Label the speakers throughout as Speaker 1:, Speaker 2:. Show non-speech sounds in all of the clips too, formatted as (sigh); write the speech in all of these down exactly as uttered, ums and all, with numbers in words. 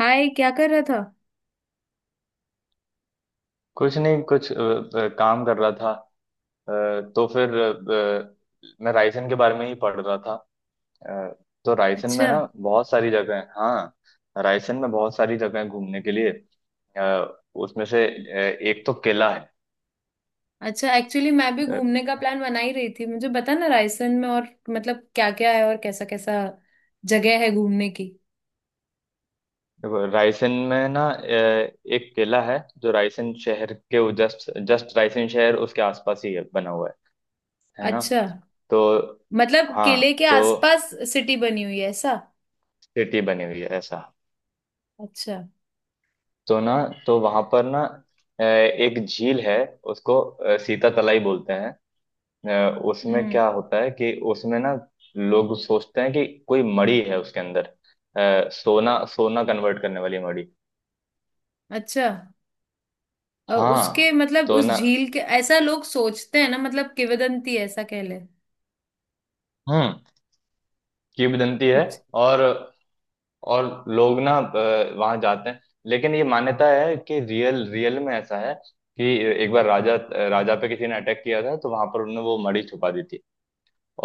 Speaker 1: हाय, क्या कर रहा था?
Speaker 2: कुछ नहीं कुछ अ, अ, काम कर रहा था। अ, तो फिर अ, अ, मैं रायसेन के बारे में ही पढ़ रहा था। अ, तो रायसेन में
Speaker 1: अच्छा,
Speaker 2: ना बहुत सारी जगह है। हाँ, रायसेन में बहुत सारी जगह है घूमने के लिए। अ, उसमें से अ, एक तो किला है।
Speaker 1: अच्छा। एक्चुअली मैं भी
Speaker 2: अ,
Speaker 1: घूमने का प्लान बना ही रही थी। मुझे बता ना, रायसन में और मतलब क्या क्या है और कैसा कैसा जगह है घूमने की।
Speaker 2: देखो, रायसेन में ना अ, एक किला है जो रायसेन शहर के जस्ट जस्ट रायसेन शहर उसके आसपास ही है, बना हुआ है है ना।
Speaker 1: अच्छा।
Speaker 2: तो
Speaker 1: मतलब किले
Speaker 2: हाँ,
Speaker 1: के
Speaker 2: तो
Speaker 1: आसपास सिटी बनी हुई है ऐसा?
Speaker 2: सिटी बनी हुई है ऐसा।
Speaker 1: अच्छा।
Speaker 2: तो ना, तो वहां पर ना अ, एक झील है। उसको अ, सीता तलाई बोलते हैं। अ, उसमें
Speaker 1: हम्म।
Speaker 2: क्या होता है कि उसमें ना लोग सोचते हैं कि कोई मणि है उसके अंदर। अ, सोना सोना कन्वर्ट करने वाली मणि।
Speaker 1: अच्छा। अ, उसके
Speaker 2: हाँ,
Speaker 1: मतलब
Speaker 2: तो
Speaker 1: उस
Speaker 2: ना,
Speaker 1: झील के ऐसा लोग सोचते हैं ना, मतलब किंवदंती है, ऐसा कह ले।
Speaker 2: हम्म, किंवदंती है।
Speaker 1: अच्छा,
Speaker 2: और और लोग ना वहां जाते हैं, लेकिन ये मान्यता है कि रियल रियल में ऐसा है कि एक बार राजा राजा पे किसी ने अटैक किया था, तो वहां पर उन्होंने वो मणि छुपा दी थी।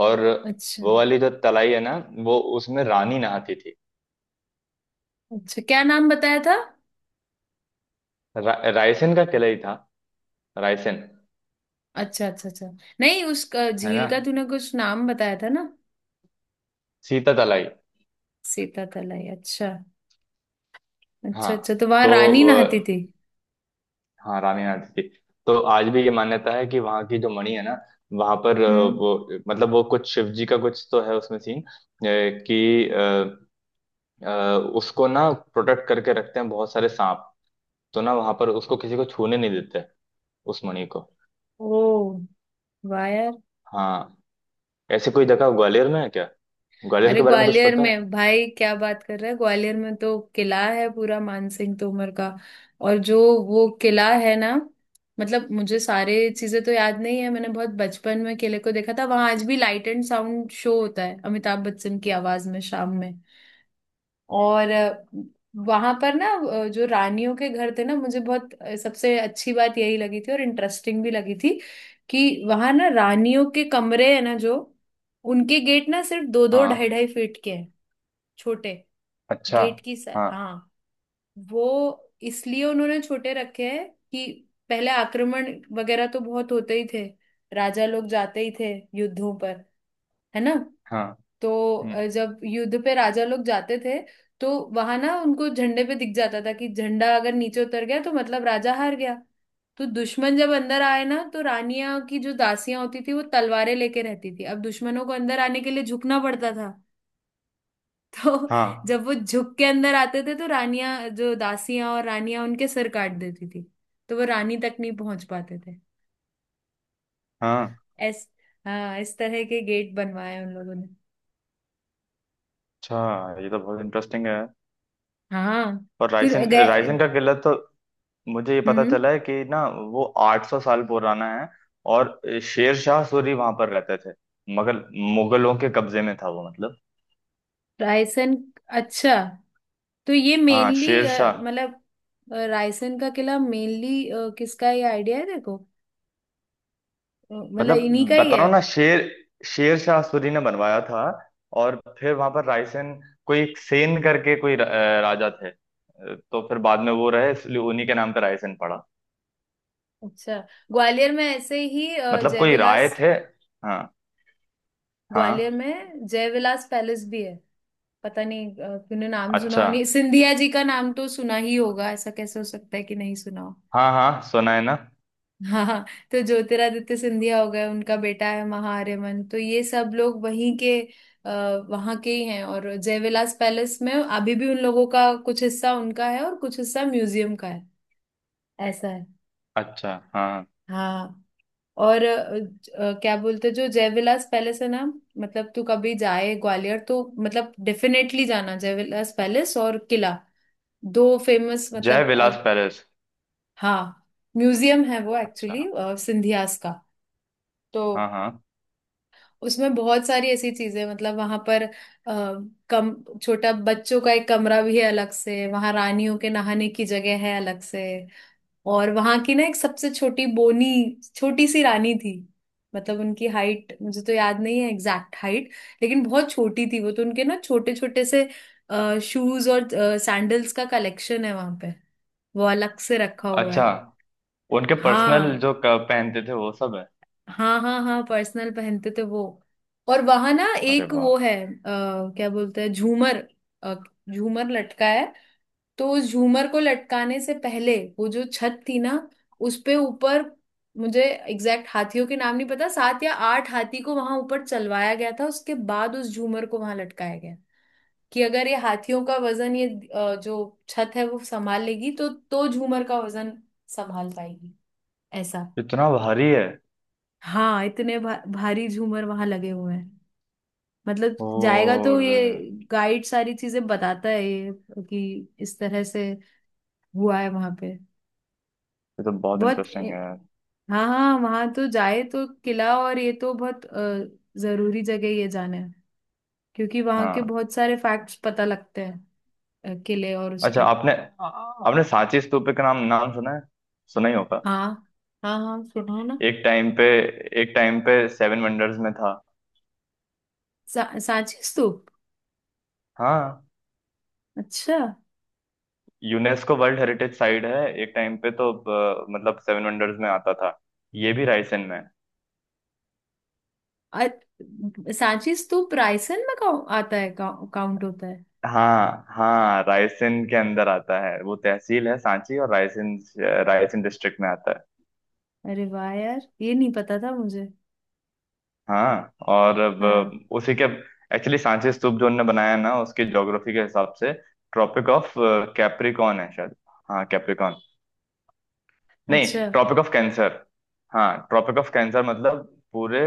Speaker 2: और
Speaker 1: अच्छा,
Speaker 2: वो वाली जो तलाई है ना, वो उसमें रानी नहाती थी।
Speaker 1: अच्छा। क्या नाम बताया था?
Speaker 2: रा, रायसेन का किला ही था, रायसेन।
Speaker 1: अच्छा, अच्छा, अच्छा। नहीं, उस अ,
Speaker 2: है
Speaker 1: झील
Speaker 2: ना।
Speaker 1: का तूने कुछ नाम बताया था ना।
Speaker 2: सीता तलाई।
Speaker 1: सीता तलाई। अच्छा
Speaker 2: हाँ,
Speaker 1: अच्छा, अच्छा। तो वहां
Speaker 2: तो
Speaker 1: रानी नहाती
Speaker 2: अ,
Speaker 1: थी।
Speaker 2: हाँ, रानी नहाती थी। तो आज भी ये मान्यता है कि वहाँ की जो मणि है ना, वहां पर अ,
Speaker 1: हम्म।
Speaker 2: वो मतलब वो कुछ शिव जी का कुछ तो है उसमें सीन, अ, कि अ, अ, उसको ना प्रोटेक्ट करके रखते हैं बहुत सारे सांप। तो ना, वहां पर उसको किसी को छूने नहीं देते, उस मणि को।
Speaker 1: ओ, वाह यार।
Speaker 2: हाँ। ऐसी कोई जगह ग्वालियर में है क्या? ग्वालियर
Speaker 1: अरे,
Speaker 2: के बारे में कुछ
Speaker 1: ग्वालियर
Speaker 2: पता है?
Speaker 1: में? भाई, क्या बात कर रहा है, ग्वालियर में तो किला है पूरा मानसिंह तोमर का। और जो वो किला है ना, मतलब मुझे सारे चीजें तो याद नहीं है, मैंने बहुत बचपन में किले को देखा था। वहां आज भी लाइट एंड साउंड शो होता है अमिताभ बच्चन की आवाज में, शाम में। और वहां पर ना अ, जो रानियों के घर थे ना, मुझे बहुत अ, सबसे अच्छी बात यही लगी थी और इंटरेस्टिंग भी लगी थी कि वहां ना रानियों के कमरे है ना, जो उनके गेट ना सिर्फ दो दो ढाई
Speaker 2: हाँ।
Speaker 1: ढाई फीट के हैं, छोटे।
Speaker 2: अच्छा,
Speaker 1: गेट की सा-
Speaker 2: हाँ
Speaker 1: हाँ, वो इसलिए उन्होंने छोटे रखे हैं कि पहले आक्रमण वगैरह तो बहुत होते ही थे, राजा लोग जाते ही थे युद्धों पर, है ना।
Speaker 2: हाँ,
Speaker 1: तो
Speaker 2: हम्म,
Speaker 1: अ, जब युद्ध पे राजा लोग जाते थे, तो वहां ना उनको झंडे पे दिख जाता था कि झंडा अगर नीचे उतर गया तो मतलब राजा हार गया। तो दुश्मन जब अंदर आए ना, तो रानियां की जो दासियां होती थी वो तलवारें लेके रहती थी। अब दुश्मनों को अंदर आने के लिए झुकना पड़ता था (laughs) तो
Speaker 2: हाँ
Speaker 1: जब वो झुक के अंदर आते थे, तो रानियां, जो दासियां और रानियां, उनके सिर काट देती थी। तो वो रानी तक नहीं पहुंच पाते थे।
Speaker 2: हाँ,
Speaker 1: ऐस, हाँ, इस तरह के गेट बनवाए उन लोगों ने।
Speaker 2: अच्छा, ये तो बहुत इंटरेस्टिंग है।
Speaker 1: हाँ
Speaker 2: और
Speaker 1: तो
Speaker 2: रायसेन
Speaker 1: गए।
Speaker 2: रायसेन का किला तो, मुझे ये
Speaker 1: हम्म,
Speaker 2: पता
Speaker 1: हम्म।
Speaker 2: चला है कि ना, वो आठ सौ साल पुराना है। और शेर शाह सूरी वहां पर रहते थे, मगर मुगलों के कब्जे में था वो, मतलब।
Speaker 1: रायसेन। अच्छा, तो ये
Speaker 2: हाँ,
Speaker 1: मेनली
Speaker 2: शेर शाह।
Speaker 1: मतलब अ, रायसेन का किला मेनली किसका, ये आइडिया है देखो, अ, मतलब इन्हीं
Speaker 2: मतलब
Speaker 1: का ही
Speaker 2: बता
Speaker 1: है।
Speaker 2: रहा हूँ ना शेर शेर शाह सूरी ने बनवाया था। और फिर वहां पर रायसेन कोई एक सेन करके कोई र- अ, राजा थे। अ, तो फिर बाद में वो रहे, इसलिए उन्हीं के नाम पे रायसेन पड़ा।
Speaker 1: अच्छा। ग्वालियर में ऐसे ही अ,
Speaker 2: मतलब कोई रायत
Speaker 1: जयविलास,
Speaker 2: है। हाँ
Speaker 1: ग्वालियर
Speaker 2: हाँ।
Speaker 1: में जयविलास पैलेस भी है। पता नहीं, अ, तूने नाम सुना
Speaker 2: अच्छा,
Speaker 1: हो नहीं, सिंधिया जी का नाम तो सुना ही होगा, ऐसा कैसे हो सकता है कि नहीं सुना हो।
Speaker 2: हाँ हाँ, सुना है ना।
Speaker 1: हाँ, तो ज्योतिरादित्य सिंधिया हो गए, उनका बेटा है महाआर्यमन, तो ये सब लोग वहीं के, आ, वहां के ही हैं। और जयविलास पैलेस में अभी भी उन लोगों का कुछ हिस्सा उनका है और कुछ हिस्सा म्यूजियम का है, ऐसा है।
Speaker 2: अच्छा, हाँ हाँ।
Speaker 1: हाँ और अ, ज- अ, क्या बोलते हैं, जो जयविलास पैलेस है ना, मतलब तू कभी जाए ग्वालियर तो मतलब डेफिनेटली जाना जयविलास पैलेस और किला, दो फेमस
Speaker 2: जय
Speaker 1: मतलब अ,
Speaker 2: विलास पैलेस।
Speaker 1: हाँ म्यूजियम है वो
Speaker 2: अच्छा,
Speaker 1: एक्चुअली, सिंधियास का। तो
Speaker 2: हाँ हाँ।
Speaker 1: उसमें बहुत सारी ऐसी चीजें, मतलब वहां पर आ, कम, छोटा बच्चों का एक कमरा भी है अलग से, वहां रानियों के नहाने की जगह है अलग से। और वहां की ना एक सबसे छोटी, बोनी, छोटी सी रानी थी। मतलब उनकी हाइट मुझे तो याद नहीं है, एग्जैक्ट हाइट, लेकिन बहुत छोटी थी वो। तो उनके ना छोटे छोटे से शूज और सैंडल्स का कलेक्शन है वहां पे, वो अलग से रखा हुआ
Speaker 2: अच्छा,
Speaker 1: है।
Speaker 2: उनके पर्सनल
Speaker 1: हाँ,
Speaker 2: जो क- पहनते थे वो सब है।
Speaker 1: हाँ, हाँ, हाँ, पर्सनल पहनते थे वो। और वहां ना
Speaker 2: अरे
Speaker 1: एक
Speaker 2: वाह,
Speaker 1: वो है आ, क्या बोलते हैं, झूमर, अ, झूमर लटका है। तो उस झूमर को लटकाने से पहले वो जो छत थी ना, उस पे ऊपर, मुझे एग्जैक्ट हाथियों के नाम नहीं पता, सात या आठ हाथी को वहां ऊपर चलवाया गया था, उसके बाद उस झूमर को वहां लटकाया गया। कि अगर ये हाथियों का वजन ये अ, जो छत है वो संभाल लेगी तो तो झूमर का वजन संभाल पाएगी, ऐसा।
Speaker 2: इतना भारी है?
Speaker 1: हाँ, इतने भा, भारी झूमर वहां लगे हुए हैं। मतलब जाएगा तो
Speaker 2: और
Speaker 1: ये गाइड सारी चीजें बताता है ये, कि इस तरह से हुआ है वहां पे।
Speaker 2: ये तो बहुत
Speaker 1: बहुत,
Speaker 2: इंटरेस्टिंग है।
Speaker 1: हाँ, हाँ, वहां तो जाए तो किला और ये तो बहुत अ, जरूरी जगह ये जाना है, क्योंकि वहां के
Speaker 2: हाँ।
Speaker 1: बहुत सारे फैक्ट्स पता लगते हैं, अ, किले और
Speaker 2: अच्छा,
Speaker 1: उसके।
Speaker 2: आपने आपने सांची स्तूप के नाम नाम सुना है? सुना ही होगा।
Speaker 1: हाँ, हाँ, हाँ सुनाओ ना।
Speaker 2: एक टाइम पे एक टाइम पे सेवन वंडर्स में था।
Speaker 1: सा, सांची स्तूप?
Speaker 2: हाँ।
Speaker 1: अच्छा।
Speaker 2: यूनेस्को वर्ल्ड हेरिटेज साइट है, एक टाइम पे तो अ, मतलब सेवन वंडर्स में आता था। ये भी रायसेन में है।
Speaker 1: अ- सांची स्तूप रायसेन में काउ- आता है, काउ- काउंट होता है?
Speaker 2: हाँ हाँ, रायसेन के अंदर आता है। वो तहसील है सांची और रायसेन। रायसेन डिस्ट्रिक्ट में आता है।
Speaker 1: अरे वाह यार, ये नहीं पता था मुझे।
Speaker 2: हाँ और अब
Speaker 1: हाँ।
Speaker 2: उसी के, एक्चुअली सांची स्तूप जो उनने बनाया है ना, उसकी ज्योग्राफी के हिसाब से ट्रॉपिक ऑफ कैप्रिकॉन है शायद। हाँ, कैप्रिकॉन। नहीं,
Speaker 1: अच्छा।
Speaker 2: Tropic of Cancer. हाँ, ट्रॉपिक ऑफ कैंसर, मतलब पूरे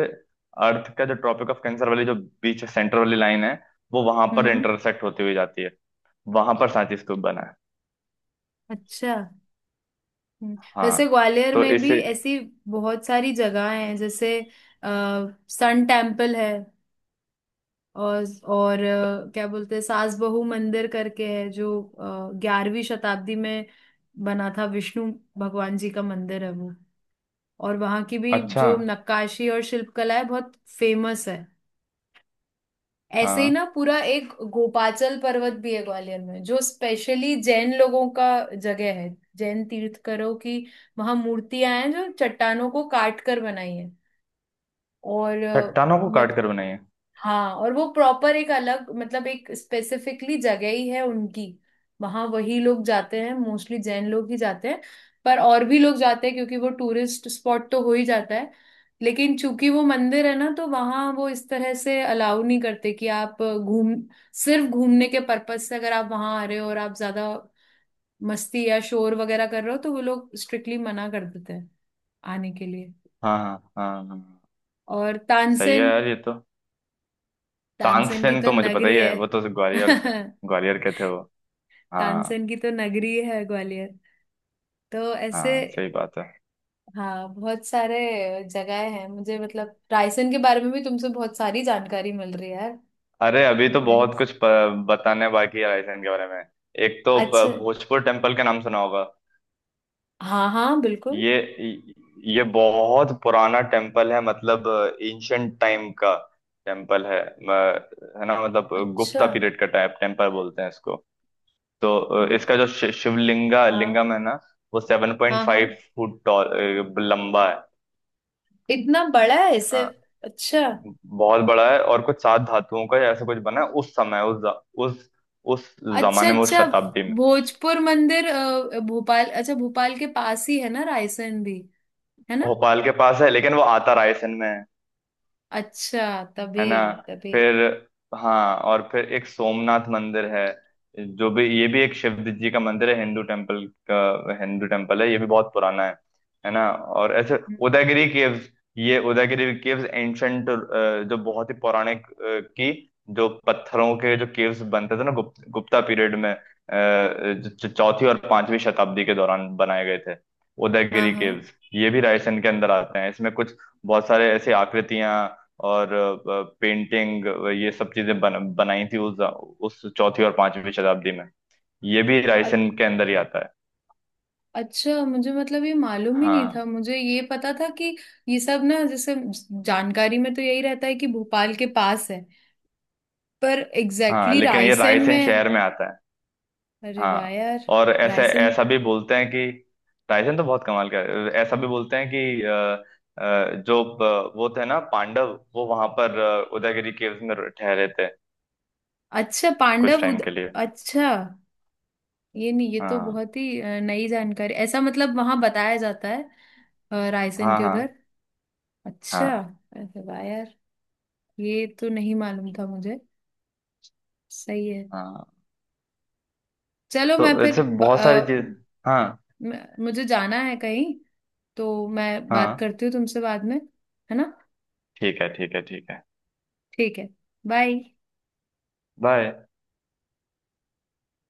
Speaker 2: अर्थ का जो ट्रॉपिक ऑफ कैंसर वाली जो बीच सेंटर वाली लाइन है, वो वहां पर
Speaker 1: हम्म।
Speaker 2: इंटरसेक्ट होती हुई जाती है। वहां पर सांची स्तूप बना है।
Speaker 1: अच्छा। हम्म।
Speaker 2: हाँ,
Speaker 1: वैसे ग्वालियर
Speaker 2: तो
Speaker 1: में भी
Speaker 2: इसे।
Speaker 1: ऐसी बहुत सारी जगह हैं जैसे आ, सन टेम्पल है। और और अ, क्या बोलते हैं, सास बहू मंदिर करके है, जो ग्यारहवीं शताब्दी में बना था। विष्णु भगवान जी का मंदिर है वो। और वहाँ की भी
Speaker 2: अच्छा।
Speaker 1: जो नक्काशी और शिल्पकला है बहुत फेमस है। ऐसे ही
Speaker 2: हाँ,
Speaker 1: ना, पूरा एक गोपाचल पर्वत भी है ग्वालियर में, जो स्पेशली जैन लोगों का जगह है, जैन तीर्थकरों की। वहां मूर्तियां हैं जो चट्टानों को काट कर बनाई है। और
Speaker 2: चट्टानों को
Speaker 1: अ,
Speaker 2: काट कर बनाई है।
Speaker 1: हाँ, और वो प्रॉपर एक अलग मतलब एक स्पेसिफिकली जगह ही है उनकी। वहां वही लोग जाते हैं, मोस्टली जैन लोग ही जाते हैं। पर और भी लोग जाते हैं क्योंकि वो टूरिस्ट स्पॉट तो हो ही जाता है। लेकिन चूंकि वो मंदिर है ना, तो वहां वो इस तरह से अलाउ नहीं करते कि आप घूम, सिर्फ घूमने के पर्पज से अगर आप वहां आ रहे हो, और आप ज्यादा मस्ती या शोर वगैरह कर रहे हो, तो वो लोग स्ट्रिक्टली मना कर देते हैं आने के लिए।
Speaker 2: हाँ हाँ हाँ हाँ,
Speaker 1: और
Speaker 2: सही है
Speaker 1: तानसेन,
Speaker 2: यार ये तो।
Speaker 1: तानसेन की
Speaker 2: तानसेन
Speaker 1: तो
Speaker 2: तो मुझे पता ही
Speaker 1: नगरी है
Speaker 2: है, वो तो ग्वालियर थे,
Speaker 1: (laughs)
Speaker 2: ग्वालियर के थे वो। हाँ
Speaker 1: तानसेन की तो नगरी है ग्वालियर। तो ऐसे,
Speaker 2: हाँ सही बात है।
Speaker 1: हाँ, बहुत सारे जगह हैं। मुझे मतलब रायसेन के बारे में भी तुमसे बहुत सारी जानकारी मिल रही है यार।
Speaker 2: अरे, अभी तो बहुत
Speaker 1: नाइस।
Speaker 2: कुछ प- बताने बाकी है रायसेन के बारे में। एक तो प-
Speaker 1: अच्छा।
Speaker 2: भोजपुर टेम्पल का नाम सुना होगा।
Speaker 1: हाँ, हाँ, बिल्कुल।
Speaker 2: ये ये बहुत पुराना टेम्पल है, मतलब एंशंट टाइम का टेम्पल है, म- है ना, मतलब
Speaker 1: अच्छा।
Speaker 2: गुप्ता पीरियड का टाइप टेम्पल बोलते हैं इसको। तो अ, इसका
Speaker 1: गुप्त।
Speaker 2: जो शि- शिवलिंगा
Speaker 1: हाँ,
Speaker 2: लिंगम है ना, वो सेवन पॉइंट
Speaker 1: हाँ,
Speaker 2: फाइव
Speaker 1: हाँ,
Speaker 2: फुट टॉल लंबा है
Speaker 1: इतना बड़ा है
Speaker 2: है
Speaker 1: इसे?
Speaker 2: ना,
Speaker 1: अच्छा,
Speaker 2: बहुत बड़ा है। और कुछ सात धातुओं का ऐसा कुछ बना है उस समय, उस ज- उस उस
Speaker 1: अच्छा,
Speaker 2: जमाने में, उस
Speaker 1: अच्छा।
Speaker 2: शताब्दी में।
Speaker 1: भोजपुर मंदिर अ, भोपाल, अच्छा भोपाल के पास ही है ना रायसेन भी, है ना।
Speaker 2: भोपाल के पास है, लेकिन वो आता रायसेन में है
Speaker 1: अच्छा
Speaker 2: है
Speaker 1: तभी,
Speaker 2: ना।
Speaker 1: तभी।
Speaker 2: फिर हाँ, और फिर एक सोमनाथ मंदिर है, जो भी ये भी एक शिव जी का मंदिर है, हिंदू टेम्पल का, हिंदू टेम्पल है, ये भी बहुत पुराना है है ना। और ऐसे
Speaker 1: हम्म,
Speaker 2: उदयगिरी केव्स, ये उदयगिरी केव्स एंशंट, जो बहुत ही पौराणिक अ, की, जो पत्थरों के जो केव्स बनते थे ना गुप्त, गुप्ता पीरियड में, अ, जो जो चौथी और पांचवी शताब्दी के दौरान बनाए गए थे,
Speaker 1: हाँ,
Speaker 2: उदयगिरी
Speaker 1: हाँ।
Speaker 2: केव्स ये भी रायसेन के अंदर आते हैं। इसमें कुछ बहुत सारे ऐसी आकृतियां और अ, पेंटिंग, ये सब चीजें बन, बनाई थी उस उस चौथी और पांचवी शताब्दी में। ये भी रायसेन के अंदर ही आता है।
Speaker 1: अच्छा, मुझे मतलब ये मालूम ही नहीं
Speaker 2: हाँ
Speaker 1: था। मुझे ये पता था कि ये सब ना, जैसे जानकारी में तो यही रहता है कि भोपाल के पास है, पर
Speaker 2: हाँ,
Speaker 1: एग्जैक्टली exactly
Speaker 2: लेकिन ये
Speaker 1: रायसेन
Speaker 2: रायसेन
Speaker 1: में।
Speaker 2: शहर में आता है।
Speaker 1: अरे वाह
Speaker 2: हाँ,
Speaker 1: यार।
Speaker 2: और ऐसे
Speaker 1: रायसेन।
Speaker 2: ऐसा भी बोलते हैं कि रायसेन तो बहुत कमाल का है। ऐसा भी बोलते हैं कि अ, अ, जो प- वो थे ना पांडव, वो वहां पर अ, उदयगिरी केव्स में ठहरे थे
Speaker 1: अच्छा,
Speaker 2: कुछ
Speaker 1: पांडव
Speaker 2: टाइम
Speaker 1: उद,
Speaker 2: के लिए।
Speaker 1: अच्छा, ये नहीं, ये तो
Speaker 2: हाँ
Speaker 1: बहुत ही अ, नई जानकारी, ऐसा मतलब वहां बताया जाता है अ, रायसेन
Speaker 2: हाँ
Speaker 1: के
Speaker 2: हाँ
Speaker 1: उधर? अच्छा।
Speaker 2: हाँ
Speaker 1: अरे वाह यार, ये तो नहीं मालूम था मुझे। सही है।
Speaker 2: हाँ,
Speaker 1: चलो,
Speaker 2: तो
Speaker 1: मैं फिर
Speaker 2: ऐसे
Speaker 1: ब-
Speaker 2: बहुत सारी
Speaker 1: अ,
Speaker 2: चीज। हाँ
Speaker 1: म- मुझे जाना है कहीं, तो मैं बात
Speaker 2: हाँ।
Speaker 1: करती हूँ तुमसे बाद में, है ना।
Speaker 2: ठीक है, ठीक है, ठीक है।
Speaker 1: ठीक है। बाय।
Speaker 2: vai।